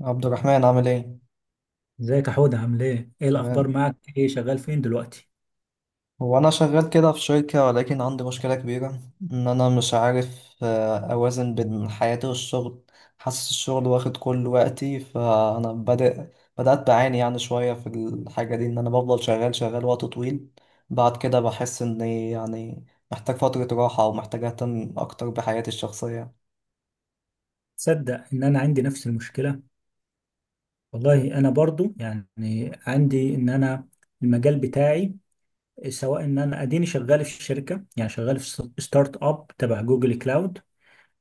عبد الرحمن عامل ايه؟ ازيك يا حودة؟ عامل ايه؟ ايه الأخبار تمام. معك؟ ايه شغال فين دلوقتي؟ هو انا شغال كده في شركة، ولكن عندي مشكلة كبيرة ان انا مش عارف اوازن بين حياتي والشغل. حاسس الشغل واخد كل وقتي، فانا بدأت بعاني يعني شوية في الحاجة دي، ان انا بفضل شغال وقت طويل. بعد كده بحس اني يعني محتاج فترة راحة، او محتاج اهتم اكتر بحياتي الشخصية. تصدق إن أنا عندي نفس المشكلة؟ والله أنا برضو يعني عندي إن أنا المجال بتاعي، سواء إن أنا أديني شغال في الشركة، يعني شغال في ستارت أب تبع جوجل كلاود،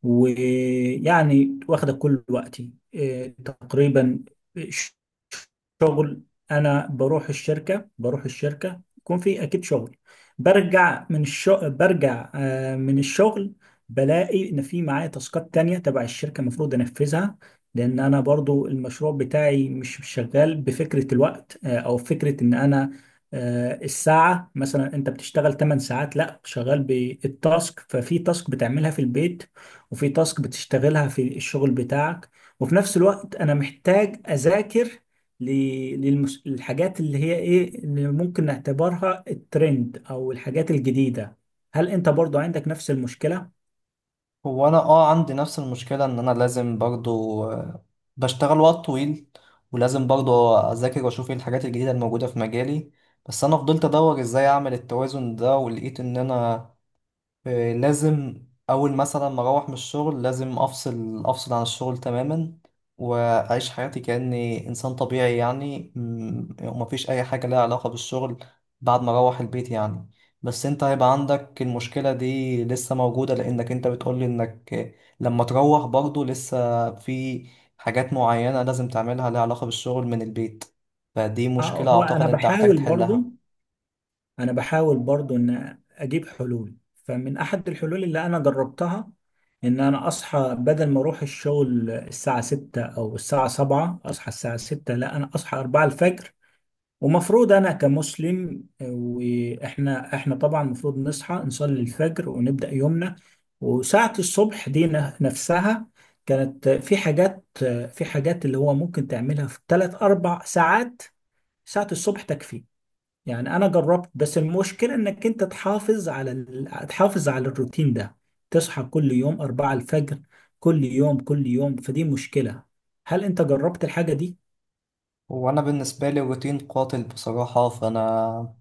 ويعني واخدة كل وقتي، إيه، تقريبا شغل. انا بروح الشركه، يكون في اكيد شغل. برجع من الشغل، برجع آه، من الشغل بلاقي ان في معايا تاسكات تانية تبع الشركه المفروض انفذها. لان انا برضو المشروع بتاعي مش شغال بفكره الوقت، او فكره ان انا الساعه. مثلا انت بتشتغل 8 ساعات، لا، شغال بالتاسك. ففي تاسك بتعملها في البيت، وفي تاسك بتشتغلها في الشغل بتاعك. وفي نفس الوقت انا محتاج اذاكر للحاجات اللي هي ايه اللي ممكن نعتبرها الترند او الحاجات الجديدة. هل انت برضو عندك نفس المشكلة؟ هو انا اه عندي نفس المشكله، ان انا لازم برضو بشتغل وقت طويل، ولازم برضو اذاكر واشوف ايه الحاجات الجديده الموجوده في مجالي. بس انا فضلت ادور ازاي اعمل التوازن ده، ولقيت ان انا لازم اول مثلا ما اروح من الشغل لازم افصل عن الشغل تماما، واعيش حياتي كاني انسان طبيعي يعني ومفيش اي حاجه لها علاقه بالشغل بعد ما اروح البيت يعني. بس انت هيبقى عندك المشكله دي لسه موجوده، لانك انت بتقولي انك لما تروح برضو لسه في حاجات معينه لازم تعملها لها علاقه بالشغل من البيت، فدي اه. مشكله هو انا اعتقد انت هتحتاج بحاول برضو، تحلها. ان اجيب حلول. فمن احد الحلول اللي انا جربتها ان انا اصحى، بدل ما اروح الشغل الساعة 6 او الساعة 7، اصحى الساعة 6، لا، انا اصحى 4 الفجر. ومفروض انا كمسلم، واحنا طبعا المفروض نصحى نصلي الفجر ونبدا يومنا. وساعه الصبح دي نفسها كانت في حاجات، في حاجات اللي هو ممكن تعملها في ثلاث اربع ساعات. ساعه الصبح تكفي. يعني انا جربت، بس المشكله انك انت تحافظ على تحافظ على الروتين ده. تصحى كل يوم أربعة الفجر، كل يوم، فدي مشكله. هل انت جربت الحاجه دي؟ وانا بالنسبه لي الروتين قاتل بصراحه، فانا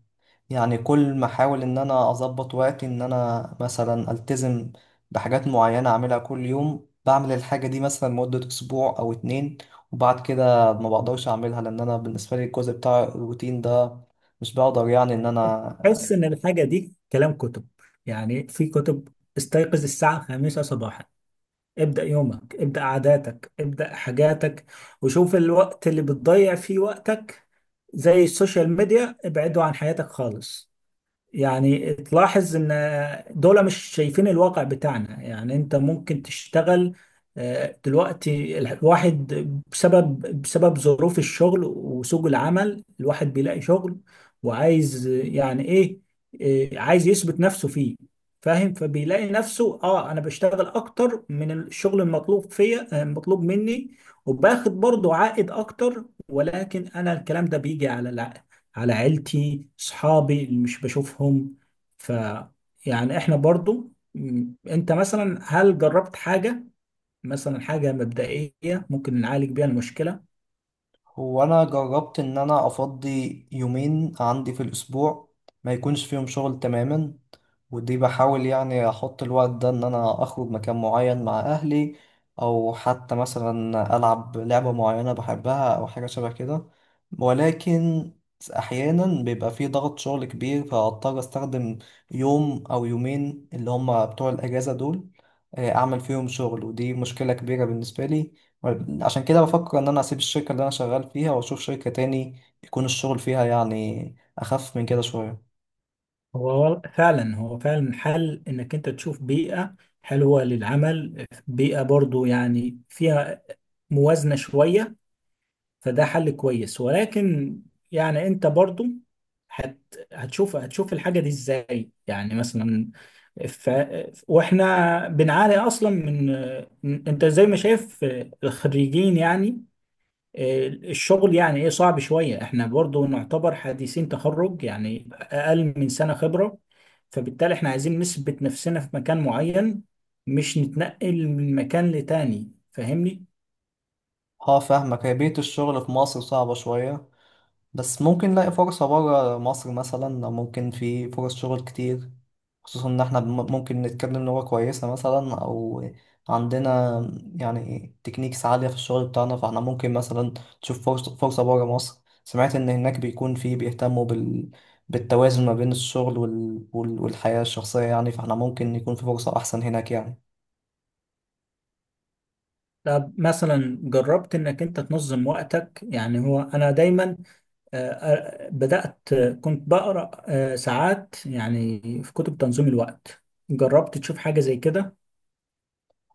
يعني كل ما احاول ان انا اظبط وقتي ان انا مثلا التزم بحاجات معينة اعملها كل يوم، بعمل الحاجة دي مثلا مدة اسبوع او اتنين، وبعد كده ما بقدرش اعملها، لان انا بالنسبة لي الجزء بتاع الروتين ده مش بقدر يعني ان انا. حس ان الحاجه دي كلام كتب. يعني في كتب، استيقظ الساعه 5 صباحا، ابدا يومك، ابدا عاداتك، ابدا حاجاتك، وشوف الوقت اللي بتضيع فيه وقتك، زي السوشيال ميديا، ابعده عن حياتك خالص. يعني تلاحظ ان دول مش شايفين الواقع بتاعنا. يعني انت ممكن تشتغل، دلوقتي الواحد بسبب ظروف الشغل وسوق العمل الواحد بيلاقي شغل، وعايز يعني ايه، عايز يثبت نفسه فيه، فاهم؟ فبيلاقي نفسه، اه انا بشتغل اكتر من الشغل المطلوب فيا، المطلوب مني، وباخد برضه عائد اكتر. ولكن انا الكلام ده بيجي على، على عيلتي، صحابي اللي مش بشوفهم. ف، يعني احنا برضو انت مثلا هل جربت حاجة، مثلا حاجة مبدئية ممكن نعالج بيها المشكلة؟ هو انا جربت ان انا افضي يومين عندي في الاسبوع ما يكونش فيهم شغل تماما، ودي بحاول يعني احط الوقت ده ان انا اخرج مكان معين مع اهلي، او حتى مثلا العب لعبة معينة بحبها او حاجة شبه كده. ولكن احيانا بيبقى في ضغط شغل كبير، فاضطر استخدم يوم او يومين اللي هم بتوع الاجازة دول اعمل فيهم شغل، ودي مشكلة كبيرة بالنسبة لي. عشان كده بفكر ان انا اسيب الشركة اللي انا شغال فيها واشوف شركة تاني يكون الشغل فيها يعني اخف من كده شوية. هو فعلا، حل انك انت تشوف بيئة حلوة للعمل، بيئة برضو يعني فيها موازنة شوية. فده حل كويس، ولكن يعني انت برضو هت هتشوف، الحاجة دي ازاي، يعني مثلا ف... واحنا بنعاني اصلا من، انت زي ما شايف الخريجين، يعني الشغل يعني ايه صعب شوية. احنا برضو نعتبر حديثين تخرج، يعني اقل من سنة خبرة. فبالتالي احنا عايزين نثبت نفسنا في مكان معين، مش نتنقل من مكان لتاني، فاهمني؟ اه فاهمك، هي بيئة الشغل في مصر صعبة شوية، بس ممكن نلاقي فرصة برا مصر مثلا، أو ممكن في فرص شغل كتير، خصوصا إن إحنا ممكن نتكلم لغة كويسة مثلا، أو عندنا يعني تكنيكس عالية في الشغل بتاعنا، فإحنا ممكن مثلا نشوف فرصة برا مصر. سمعت إن هناك بيكون في بيهتموا بال... بالتوازن ما بين الشغل وال... وال... والحياة الشخصية يعني، فإحنا ممكن يكون في فرصة أحسن هناك يعني. طب مثلا جربت انك انت تنظم وقتك؟ يعني هو انا دايما، بدأت، كنت بقرأ ساعات يعني في كتب تنظيم الوقت. جربت تشوف حاجة زي كده؟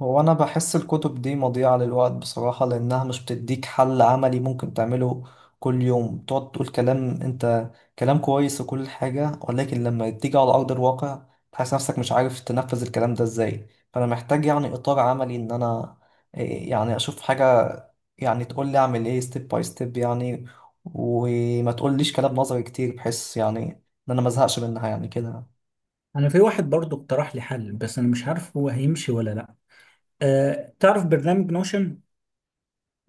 هو أنا بحس الكتب دي مضيعة للوقت بصراحة، لأنها مش بتديك حل عملي ممكن تعمله كل يوم. تقعد تقول كلام، أنت كلام كويس وكل حاجة، ولكن لما تيجي على أرض الواقع تحس نفسك مش عارف تنفذ الكلام ده إزاي. فأنا محتاج يعني إطار عملي إن أنا يعني أشوف حاجة يعني تقول لي أعمل إيه، ستيب باي ستيب يعني، وما تقوليش كلام نظري كتير، بحيث يعني إن أنا مزهقش منها يعني كده. انا في واحد برضو اقترح لي حل، بس انا مش عارف هو هيمشي ولا لا. تعرف برنامج نوشن؟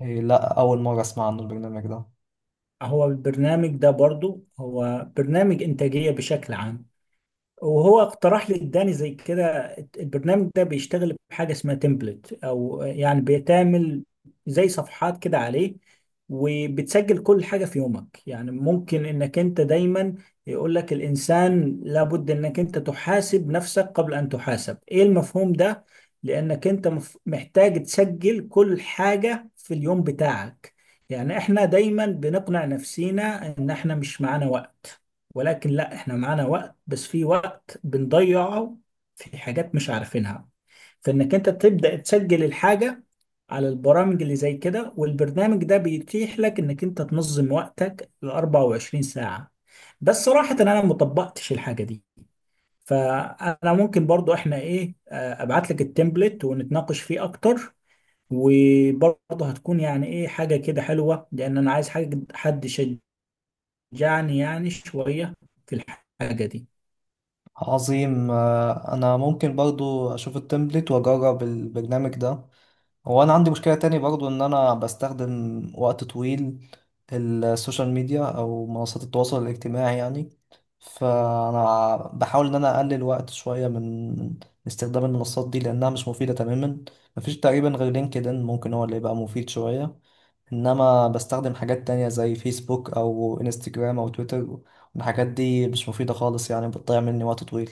لا، أول مرة أسمع عن البرنامج ده. هو البرنامج ده برضو هو برنامج انتاجية بشكل عام، وهو اقترح لي، اداني زي كده. البرنامج ده بيشتغل بحاجه اسمها تمبلت، او يعني بيتعمل زي صفحات كده عليه، وبتسجل كل حاجه في يومك. يعني ممكن انك انت دايما، يقول لك الانسان لابد انك انت تحاسب نفسك قبل ان تحاسب، ايه المفهوم ده. لانك انت محتاج تسجل كل حاجه في اليوم بتاعك. يعني احنا دايما بنقنع نفسينا ان احنا مش معانا وقت، ولكن لا، احنا معانا وقت، بس في وقت بنضيعه في حاجات مش عارفينها. فإنك أنت تبدأ تسجل الحاجة على البرامج اللي زي كده، والبرنامج ده بيتيح لك إنك أنت تنظم وقتك ل 24 ساعة. بس صراحة أنا ما طبقتش الحاجة دي. فأنا ممكن برضو، إحنا إيه، أبعت لك التمبلت ونتناقش فيه أكتر. وبرضه هتكون يعني إيه، حاجة كده حلوة، لأن أنا عايز حاجة، حد يشجعني يعني شوية في الحاجة دي. عظيم. انا ممكن برضو اشوف التمبلت واجرب البرنامج ده. هو انا عندي مشكلة تاني برضو، ان انا بستخدم وقت طويل السوشيال ميديا او منصات التواصل الاجتماعي يعني، فانا بحاول ان انا اقلل وقت شوية من استخدام المنصات دي، لانها مش مفيدة تماما. مفيش تقريبا غير لينكدين ممكن هو اللي يبقى مفيد شوية، انما بستخدم حاجات تانية زي فيسبوك او انستجرام او تويتر، والحاجات دي مش مفيدة خالص يعني بتضيع مني وقت طويل.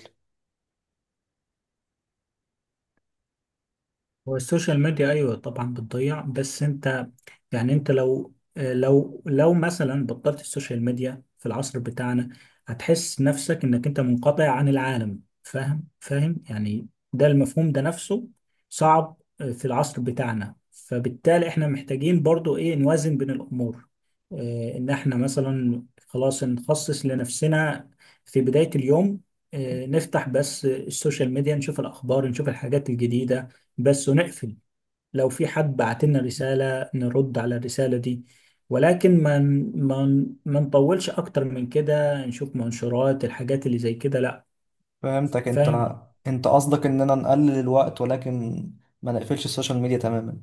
هو السوشيال ميديا ايوه طبعا بتضيع، بس انت يعني انت لو، مثلا بطلت السوشيال ميديا في العصر بتاعنا، هتحس نفسك انك انت منقطع عن العالم، فاهم؟ فاهم؟ يعني ده المفهوم ده نفسه صعب، في العصر بتاعنا. فبالتالي احنا محتاجين برضو ايه، نوازن بين الامور. اه، ان احنا مثلا خلاص نخصص لنفسنا في بداية اليوم، اه نفتح بس السوشيال ميديا، نشوف الاخبار، نشوف الحاجات الجديدة بس، ونقفل. لو في حد بعت لنا رسالة، نرد على الرسالة دي. ولكن ما نطولش أكتر من كده. نشوف منشورات الحاجات اللي زي كده، لأ. فهمتك. فاهم؟ انت انت قصدك اننا نقلل الوقت، ولكن ما نقفلش السوشيال ميديا تماما.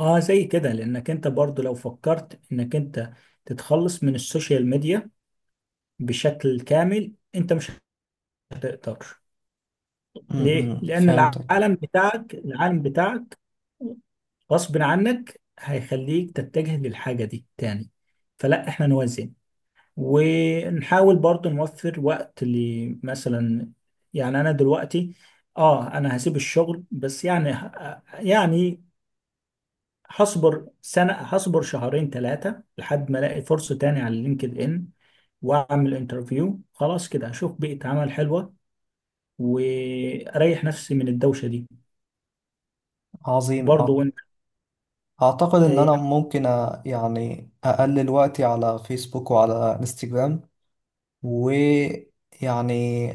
آه، زي كده. لأنك أنت برضو لو فكرت إنك أنت تتخلص من السوشيال ميديا بشكل كامل، أنت مش هتقدر. ليه؟ لأن فهمتك. العالم بتاعك، غصب عنك هيخليك تتجه للحاجة دي تاني. فلا، احنا نوزع، ونحاول برضو نوفر وقت لمثلا، يعني انا دلوقتي اه انا هسيب الشغل، بس يعني يعني هصبر سنة، هصبر شهرين ثلاثة لحد ما الاقي فرصة تاني على لينكد ان، واعمل انترفيو. خلاص كده هشوف بيئة عمل حلوة واريح نفسي من الدوشة دي عظيم. برضو. وانت؟ اعتقد ان انا ممكن يعني اقلل وقتي على فيسبوك وعلى انستجرام، ويعني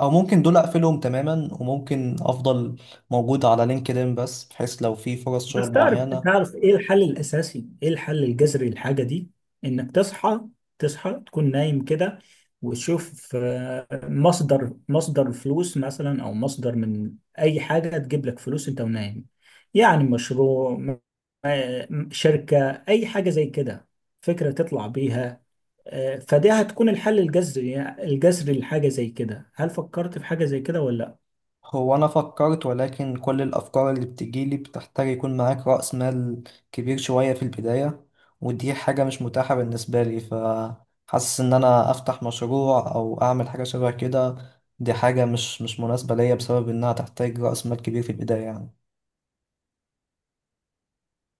او ممكن دول اقفلهم تماما، وممكن افضل موجود على لينكدين بس، بحيث لو في فرص شغل بس تعرف، معينة. ايه الحل الاساسي، ايه الحل الجذري للحاجه دي؟ انك تصحى، تصحى تكون نايم كده، وتشوف مصدر، فلوس مثلا، او مصدر من اي حاجه تجيب لك فلوس انت ونايم. يعني مشروع، شركه، اي حاجه زي كده، فكره تطلع بيها. فدي هتكون الحل الجذري، لحاجه زي كده. هل فكرت في حاجه زي كده ولا؟ هو أنا فكرت، ولكن كل الأفكار اللي بتجيلي بتحتاج يكون معاك رأس مال كبير شوية في البداية، ودي حاجة مش متاحة بالنسبة لي، فحاسس إن أنا أفتح مشروع أو أعمل حاجة شبه كده دي حاجة مش مناسبة ليا بسبب إنها تحتاج رأس مال كبير في البداية يعني.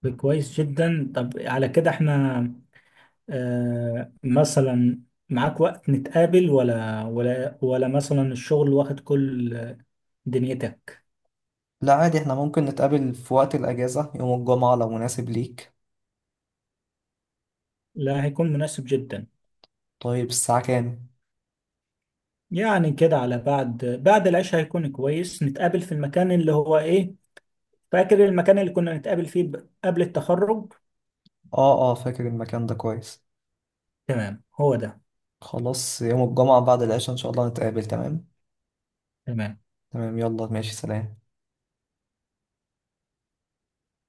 لا، كويس جدا. طب على كده احنا، آه مثلا معاك وقت نتقابل، ولا مثلا الشغل واخد كل دنيتك؟ لا عادي، إحنا ممكن نتقابل في وقت الأجازة يوم الجمعة لو مناسب ليك. لا، هيكون مناسب جدا. طيب الساعة كام؟ يعني كده على بعد، العشاء هيكون كويس. نتقابل في المكان اللي هو ايه، فاكر المكان اللي كنا نتقابل فيه قبل التخرج؟ آه آه، فاكر المكان ده كويس. تمام، هو ده. خلاص يوم الجمعة بعد العشاء إن شاء الله نتقابل، تمام؟ تمام. تمام يلا ماشي، سلام.